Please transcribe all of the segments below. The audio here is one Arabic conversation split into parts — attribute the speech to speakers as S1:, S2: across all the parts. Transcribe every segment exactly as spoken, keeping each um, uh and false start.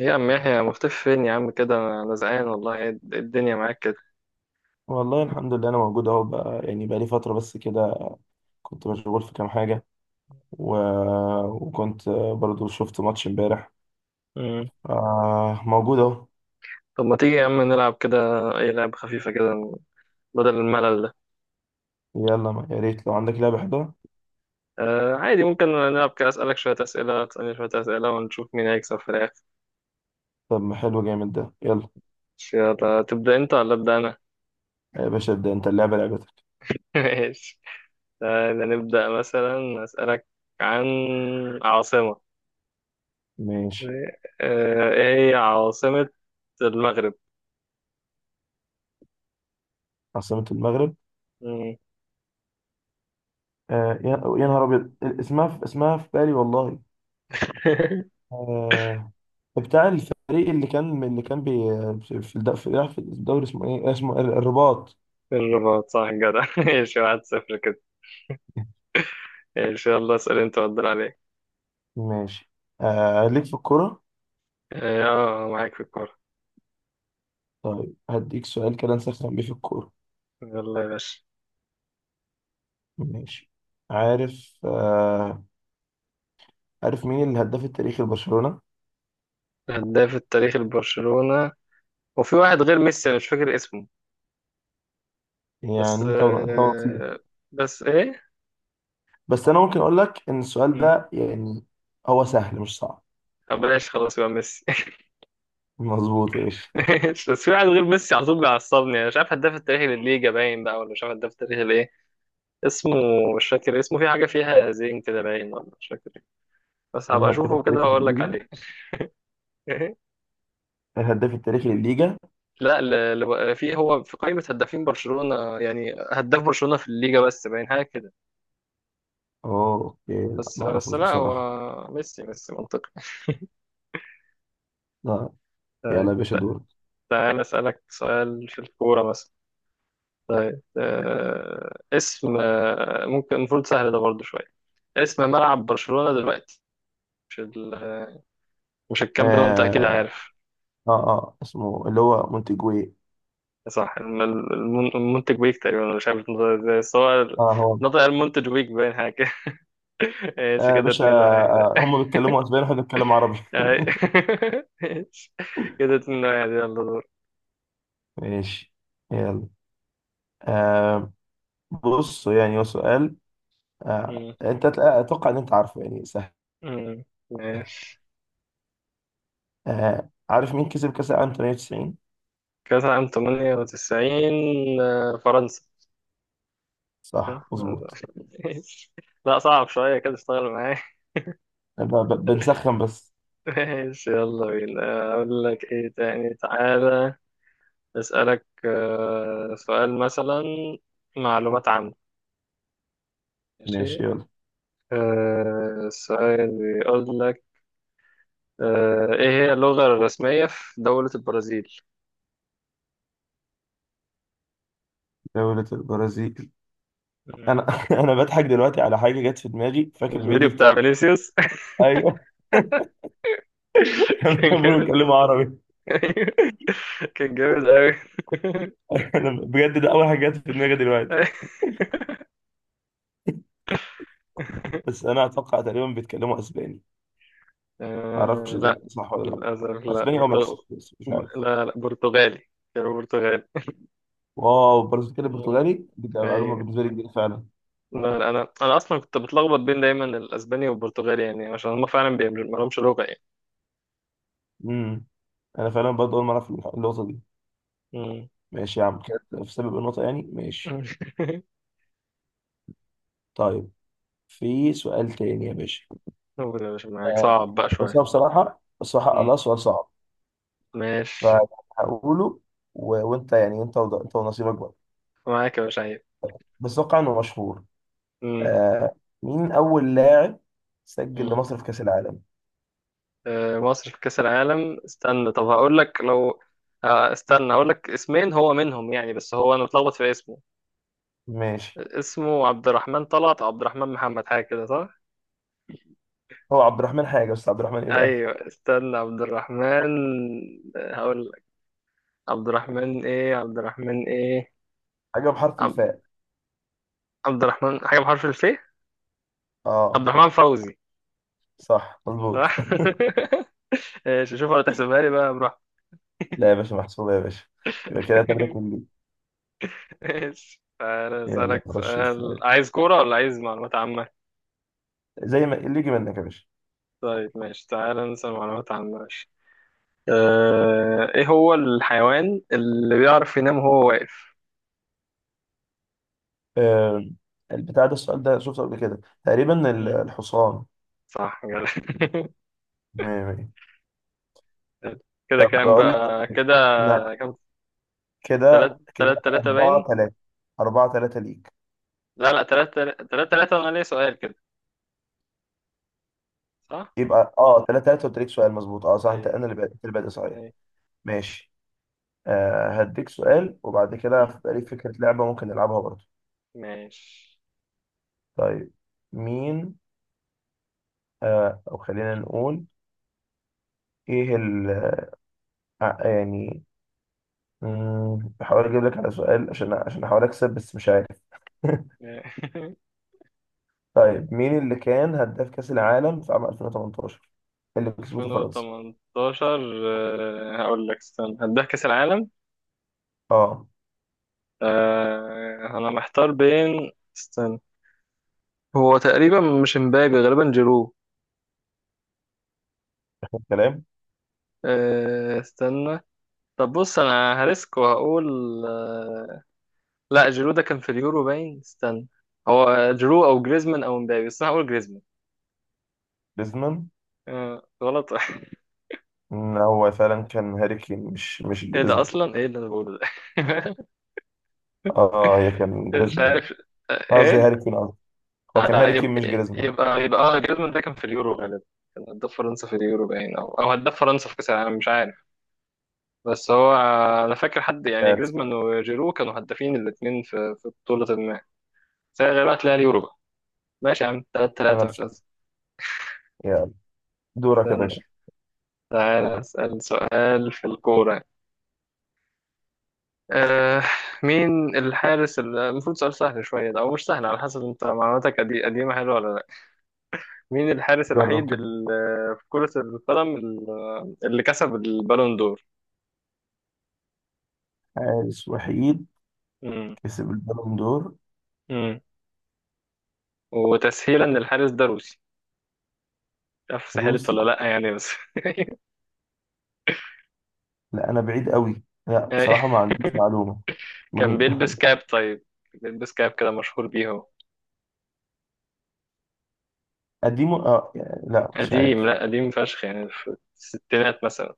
S1: ايه يا عم يحيى مختفي فين يا عم كده، انا زهقان والله. ايه الد- إيه الدنيا معاك كده.
S2: والله الحمد لله، انا موجود اهو. بقى يعني بقى لي فتره بس كده. كنت مشغول في كام حاجه و... وكنت برضو شفت ماتش امبارح.
S1: مم.
S2: آه، موجود اهو.
S1: طب ما تيجي يا عم نلعب كده، اي لعبة خفيفة كده، بدل الملل ده.
S2: يلا ما- يا ريت لو عندك لعبه حلوه.
S1: آه عادي، ممكن نلعب كده، اسألك شوية اسئلة، تسألني شوية اسئلة، ونشوف مين هيكسب في الاخر.
S2: طب ما حلو جامد ده، يلا.
S1: يلا تبدأ انت ولا ابدأ انا؟
S2: يا باشا ابدا انت، اللعبه لعبتك.
S1: ماشي. تعالى نبدأ مثلا، اسألك عن عاصمة.
S2: ماشي.
S1: آه، ايه هي عاصمة المغرب؟
S2: عاصمه المغرب؟
S1: مم.
S2: آه يا يا نهار ابيض، اسمها في... اسمها في بالي والله. آه، بتاع الفريق اللي كان اللي كان بي... في الد... في في الدوري، اسمه ايه، اسمه الرباط.
S1: الرباط، صح جدع. ماشي، واحد صفر كده. ان شاء الله اسال انت وادر عليك.
S2: ماشي. آه ليك في الكوره.
S1: اه آه، معاك في الكوره.
S2: طيب هديك سؤال كده نسخن بيه في الكورة.
S1: يلا يا باشا.
S2: ماشي. عارف آه عارف مين الهداف التاريخي لبرشلونة؟
S1: هداف التاريخ لبرشلونه، وفي واحد غير ميسي انا مش فاكر اسمه. بس
S2: يعني انت انت ونصيب.
S1: آه، بس ايه.
S2: بس انا ممكن اقول لك ان السؤال
S1: مم.
S2: ده يعني هو سهل مش صعب.
S1: طب بلاش، خلاص، يبقى ميسي.
S2: مظبوط يا باشا.
S1: ماشي، بس في واحد غير ميسي على طول بيعصبني، انا مش عارف هداف التاريخ للليجا باين بقى، ولا مش عارف هداف التاريخ الايه. اسمه مش فاكر اسمه، في حاجه فيها زين كده باين، ولا مش فاكر إيه. بس هبقى
S2: الهداف
S1: اشوفه كده
S2: التاريخي
S1: واقول لك
S2: للليجا،
S1: عليه.
S2: الهداف التاريخي للليجا؟
S1: لا، ل- ل- في هو في قائمة هدافين برشلونة، يعني هداف برشلونة في الليجا بس باين، حاجة كده.
S2: اه اوكي، لا
S1: بس
S2: ما
S1: بس
S2: اعرفوش
S1: لا، هو
S2: بصراحة.
S1: ميسي ميسي منطقي.
S2: لا. يلا
S1: طيب،
S2: يا باشا دورك.
S1: تعال أسألك سؤال في الكورة مثلا. طيب آه اسم آه، ممكن المفروض سهل ده برضه شوية. اسم ملعب برشلونة دلوقتي، مش ال- مش الكامب نو، أنت أكيد
S2: آه,
S1: عارف.
S2: اه اه اسمه اللي هو مونتيجوي.
S1: صح، الم- الم- المنتج ويك تقريبا، أنا مش عارف نطق ازاي بس هو
S2: اه هو.
S1: نطق المنتج ويك باين حاجة كده. ماشي
S2: آه يا
S1: كده،
S2: باشا.
S1: اتنين واحد.
S2: آه، هم بيتكلموا اسباني واحنا بنتكلم عربي.
S1: أي- ماشي، كده اتنين واحد، يلا دور.
S2: ماشي، يلا. آه بص، يعني هو سؤال. آه،
S1: مم.
S2: انت هتلاقي- اتوقع ان انت عارفه، يعني سهل.
S1: مم. ماشي.
S2: آه عارف مين كسب كاس العالم ثمانية وتسعين؟
S1: كأس عام تمنية وتسعين، آه، فرنسا.
S2: صح
S1: صح؟
S2: مظبوط.
S1: ماشي. لا، صعب شوية كده، اشتغل معايا.
S2: ب- ب- بنسخن بس.
S1: ماشي، يلا بينا، أقول لك إيه تاني، تعالى أسألك آه، سؤال مثلا، معلومات عامة. ماشي.
S2: ماشي يلا.
S1: آه، السؤال بيقول لك، آه، إيه هي اللغة الرسمية في دولة البرازيل؟
S2: دولة البرازيل.
S1: مم.
S2: انا انا بضحك دلوقتي على حاجه جت في دماغي، فاكر
S1: الفيديو
S2: الفيديو
S1: بتاع
S2: بتاع.
S1: فينيسيوس.
S2: ايوه. لما
S1: كان
S2: بيقولوا
S1: جامد.
S2: بيتكلموا عربي.
S1: أيوة. كان جامد أوي.
S2: انا بجد ده اول حاجه جت في دماغي دلوقتي. بس انا اتوقع تقريبا بيتكلموا اسباني، ما
S1: آه
S2: اعرفش اذا
S1: لا،
S2: كان صح ولا لا.
S1: للأسف لا،
S2: اسباني او
S1: برتغ...
S2: مكسيكي، بس مش عارف.
S1: لا لا، برتغالي، كانوا برتغالي.
S2: واو، برازيل كده
S1: مم.
S2: برتغالي، دي كانت معلومه
S1: أيوة.
S2: بالنسبه لي جديده فعلا.
S1: لا لا، أنا أنا أصلا كنت بتلخبط بين دايما الأسباني والبرتغالي، يعني عشان هما فعلا بي- ما لهمش لغة يعني.
S2: امم، انا فعلا برضه اول مره اعرف النقطه دي.
S1: مم.
S2: ماشي يا عم، كانت في سبب النقطه يعني. ماشي. طيب في سؤال تاني يا باشا.
S1: قول يا باشا، معاك،
S2: آه،
S1: صعب بقى
S2: بس
S1: شوية.
S2: هو بصراحه بصراحه
S1: مم.
S2: الله سؤال صعب.
S1: ماشي.
S2: فهقوله و... وانت يعني انت وض... انت ونصيبك بقى.
S1: معاك يا باشا عيب.
S2: بس اتوقع انه مشهور. آه، مين اول لاعب سجل
S1: مم.
S2: لمصر في كاس العالم؟
S1: آه، مصر في كأس العالم، استنى طب هقول لك لو، آه، استنى هقول لك اسمين هو منهم يعني، بس هو انا متلخبط في اسمه.
S2: ماشي.
S1: اسمه عبد الرحمن طلعت أو عبد الرحمن محمد، حاجة كده، صح؟
S2: هو عبد الرحمن حاجه، بس عبد الرحمن ايه بقى؟
S1: ايوه، استنى، عبد الرحمن، هقول لك. عبد الرحمن ايه، عبد الرحمن ايه؟
S2: حاجه بحرف
S1: عبد,
S2: الفاء.
S1: عبد الرحمن حاجة بحرف الف. عبد
S2: اه،
S1: الرحمن فوزي.
S2: صح
S1: صح؟
S2: مظبوط.
S1: ماشي، شوف ولا تحسبها لي، بقى براحتك.
S2: لا يا باشا، محسوبه يا باشا. يبقى كده تلاته كلي.
S1: ماشي، أنا
S2: يلا
S1: أسألك
S2: خش
S1: سؤال،
S2: السؤال،
S1: عايز كورة ولا عايز معلومات عامة؟
S2: زي ما اللي يجي منك يا باشا.
S1: طيب ماشي، تعالى نسأل معلومات عن، ماشي. آه، ايه هو الحيوان اللي بيعرف ينام وهو واقف؟
S2: آه، البتاع ده السؤال ده شفته قبل كده تقريبا، ال-
S1: مم.
S2: الحصان.
S1: صح جدع.
S2: مية مية.
S1: كده
S2: طب
S1: كام
S2: بقول لك
S1: بقى
S2: إيه؟
S1: كده؟
S2: لا.
S1: كام؟ تلات
S2: كده كده
S1: تلات تلاتة
S2: أربعة
S1: باين.
S2: تلاتة. أربعة تلاتة ليك.
S1: لا لا، تلات تلات تلات تلاتة، وانا ليا سؤال كده، صح.
S2: يبقى اه تلاتة تلاتة، قلت لك سؤال مظبوط. اه صح، انت
S1: اي.
S2: انا اللي بادئ، أنت اللي بادئ صحيح.
S1: اي.
S2: ماشي. آه، هديك سؤال وبعد كده
S1: مم.
S2: هيبقى ليك فكرة لعبة ممكن نلعبها برضه.
S1: ماشي.
S2: طيب مين؟ آه، او خلينا نقول ايه ال، آه، يعني. مم، بحاول اجيب لك على سؤال عشان عشان احاول اكسب بس مش عارف. طيب مين اللي كان هداف كأس العالم في عام ألفين وتمنتاشر اللي كسبته فرنسا؟
S1: ألفين وتمنتاشر. آه، هقول لك، استنى هداك كأس العالم،
S2: اه
S1: آه، انا محتار بين، استنى، هو تقريبا مش مبابي، غالبا جيرو.
S2: كلام.
S1: أه استنى، طب بص انا هريسك وهقول، أه لا، جيرو ده كان في اليورو باين، استنى. هو جيرو او جريزمان او مبابي، بس انا هقول جريزمان.
S2: جريزمان.
S1: أه غلط.
S2: مم، هو فعلا كان هاري كين، مش مش
S1: ايه ده،
S2: جريزمان.
S1: اصلا ايه اللي انا بقوله ده؟
S2: اه هي كان
S1: مش
S2: جريزمان،
S1: عارف. آه،
S2: قصدي
S1: ايه
S2: هاري كين، قصدي هو
S1: آه،
S2: كان
S1: لا
S2: هاري كين
S1: يبقى،
S2: مش جريزمان.
S1: يبقى يبقى اه جريزمان ده كان في اليورو غالبا، كان هداف فرنسا في اليورو باين، او او هداف فرنسا في كاس العالم مش عارف. بس هو آه، انا فاكر حد يعني
S2: آه،
S1: جريزمان وجيرو كانوا هدافين الاثنين في في بطولة سيغيرك لها اليورو. ماشي يا عم، تلاتة
S2: انا
S1: تلاتة مش
S2: بس.
S1: أزمة.
S2: يلا دورك يا
S1: استنى،
S2: باشا.
S1: تعالى أسأل سؤال في الكورة يعني. آه، مين الحارس اللي- المفروض سؤال سهل شوية ده، أو مش سهل على حسب أنت، معلوماتك قدي- قديمة حلوة ولا لأ؟ مين الحارس
S2: جرب
S1: الوحيد
S2: كده.
S1: اللي في كرة القدم اللي اللي كسب البالون دور؟
S2: حارس وحيد
S1: مم.
S2: كسب البالون دور؟
S1: مم. وتسهيلا، الحارس ده روسي، مش عارف سهلت
S2: روسي؟
S1: ولا لأ يعني بس.
S2: لا، انا بعيد قوي، لا بصراحة ما عنديش معلومة،
S1: كان بيلبس
S2: بجد.
S1: كاب، طيب، بيلبس كاب كده مشهور بيه.
S2: قديمه؟ اه يعني لا مش
S1: قديم،
S2: عارف.
S1: لا قديم فشخ يعني، في الستينات مثلا.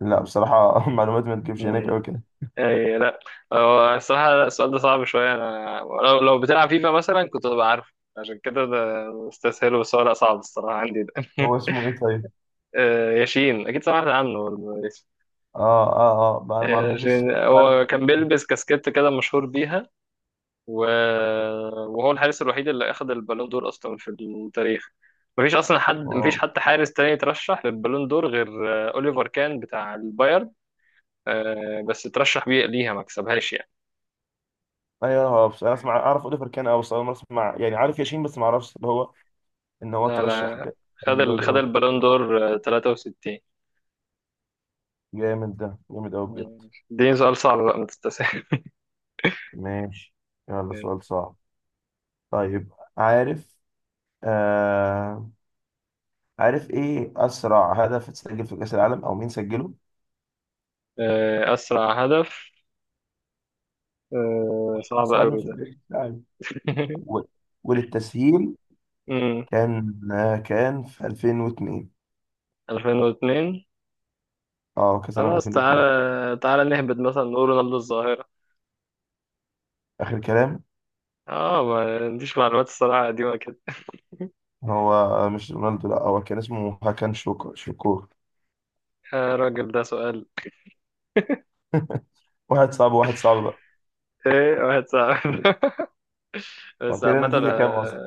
S2: لا بصراحة معلوماتي ما تجيبش هناك
S1: مم.
S2: قوي كده.
S1: أي لا. هو الصراحة لا، السؤال ده صعب شوية، أنا لو لو بتلعب فيفا مثلا كنت ببقى عارف، عشان كده ده مستسهل، بس هو لا صعب الصراحة عندي ده.
S2: هو اسمه ايه طيب؟
S1: آه، ياشين، أكيد سمعت عنه برضه، ياسين.
S2: اه اه اه ما انا ما
S1: آه،
S2: اعرفوش بس.
S1: ياشين،
S2: فعلا.
S1: هو كان بيلبس كاسكيت كده مشهور بيها. و... وهو الحارس الوحيد اللي أخد البالون دور أصلا في التاريخ، مفيش أصلا حد،
S2: واو.
S1: مفيش حتى حارس تاني ترشح للبالون دور غير آه، أوليفر كان بتاع البايرن. آه، بس ترشح بيه ليها ما كسبهاش يعني.
S2: ايوه، هو بس انا اسمع اعرف اوليفر كان، اه بس اول مره اسمع، يعني عارف ياشين، بس ما اعرفش اللي هو ان هو
S1: لا
S2: ترشح ل
S1: لا، خد
S2: Husband
S1: ال... خد
S2: or Wife.
S1: البالون دور آه، تلاتة وستين.
S2: جامد ده، جامد قوي بجد.
S1: دي سؤال صعب بقى، ما تستسهل.
S2: ماشي. يلا
S1: مم.
S2: سؤال صعب. طيب عارف؟ آه عارف ايه اسرع هدف اتسجل في كاس العالم، او مين سجله؟
S1: آه، أسرع هدف، آه، صعب
S2: اسرع هدف
S1: أوي
S2: في
S1: ده.
S2: كاس العالم. و- وللتسهيل
S1: مم.
S2: كان آه كان في ألفين واتنين.
S1: ألفين واتنين.
S2: اه كاس العالم
S1: خلاص،
S2: ألفين واتنين.
S1: تعالى تعالى نهبط، مثلا نقول رونالدو الظاهرة.
S2: اخر كلام.
S1: اه ما عنديش معلومات الصراحة، قديمة كده.
S2: هو مش رونالدو، لا، هو كان اسمه هاكان شوكور، شوكور.
S1: يا راجل ده سؤال.
S2: واحد صعب، واحد صعب بقى.
S1: ايه واحد صعب. بس
S2: وكده
S1: عامة،
S2: النتيجة كام أصلا؟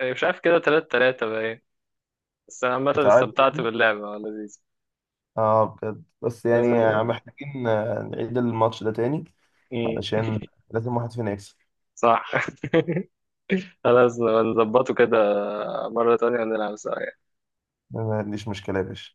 S1: آه، مش عارف كده، تلات تلاتة بقى. بس أنا عامة
S2: اتعادل
S1: استمتعت
S2: يعني؟
S1: باللعبة، لذيذ.
S2: اه بجد، بس يعني
S1: لازم.
S2: محتاجين، آه، نعيد الماتش ده تاني،
S1: مم.
S2: علشان لازم واحد فينا يكسب.
S1: صح. خلاص نظبطه كده، مرة تانية نلعب سوا.
S2: ما عنديش مشكلة يا باشا.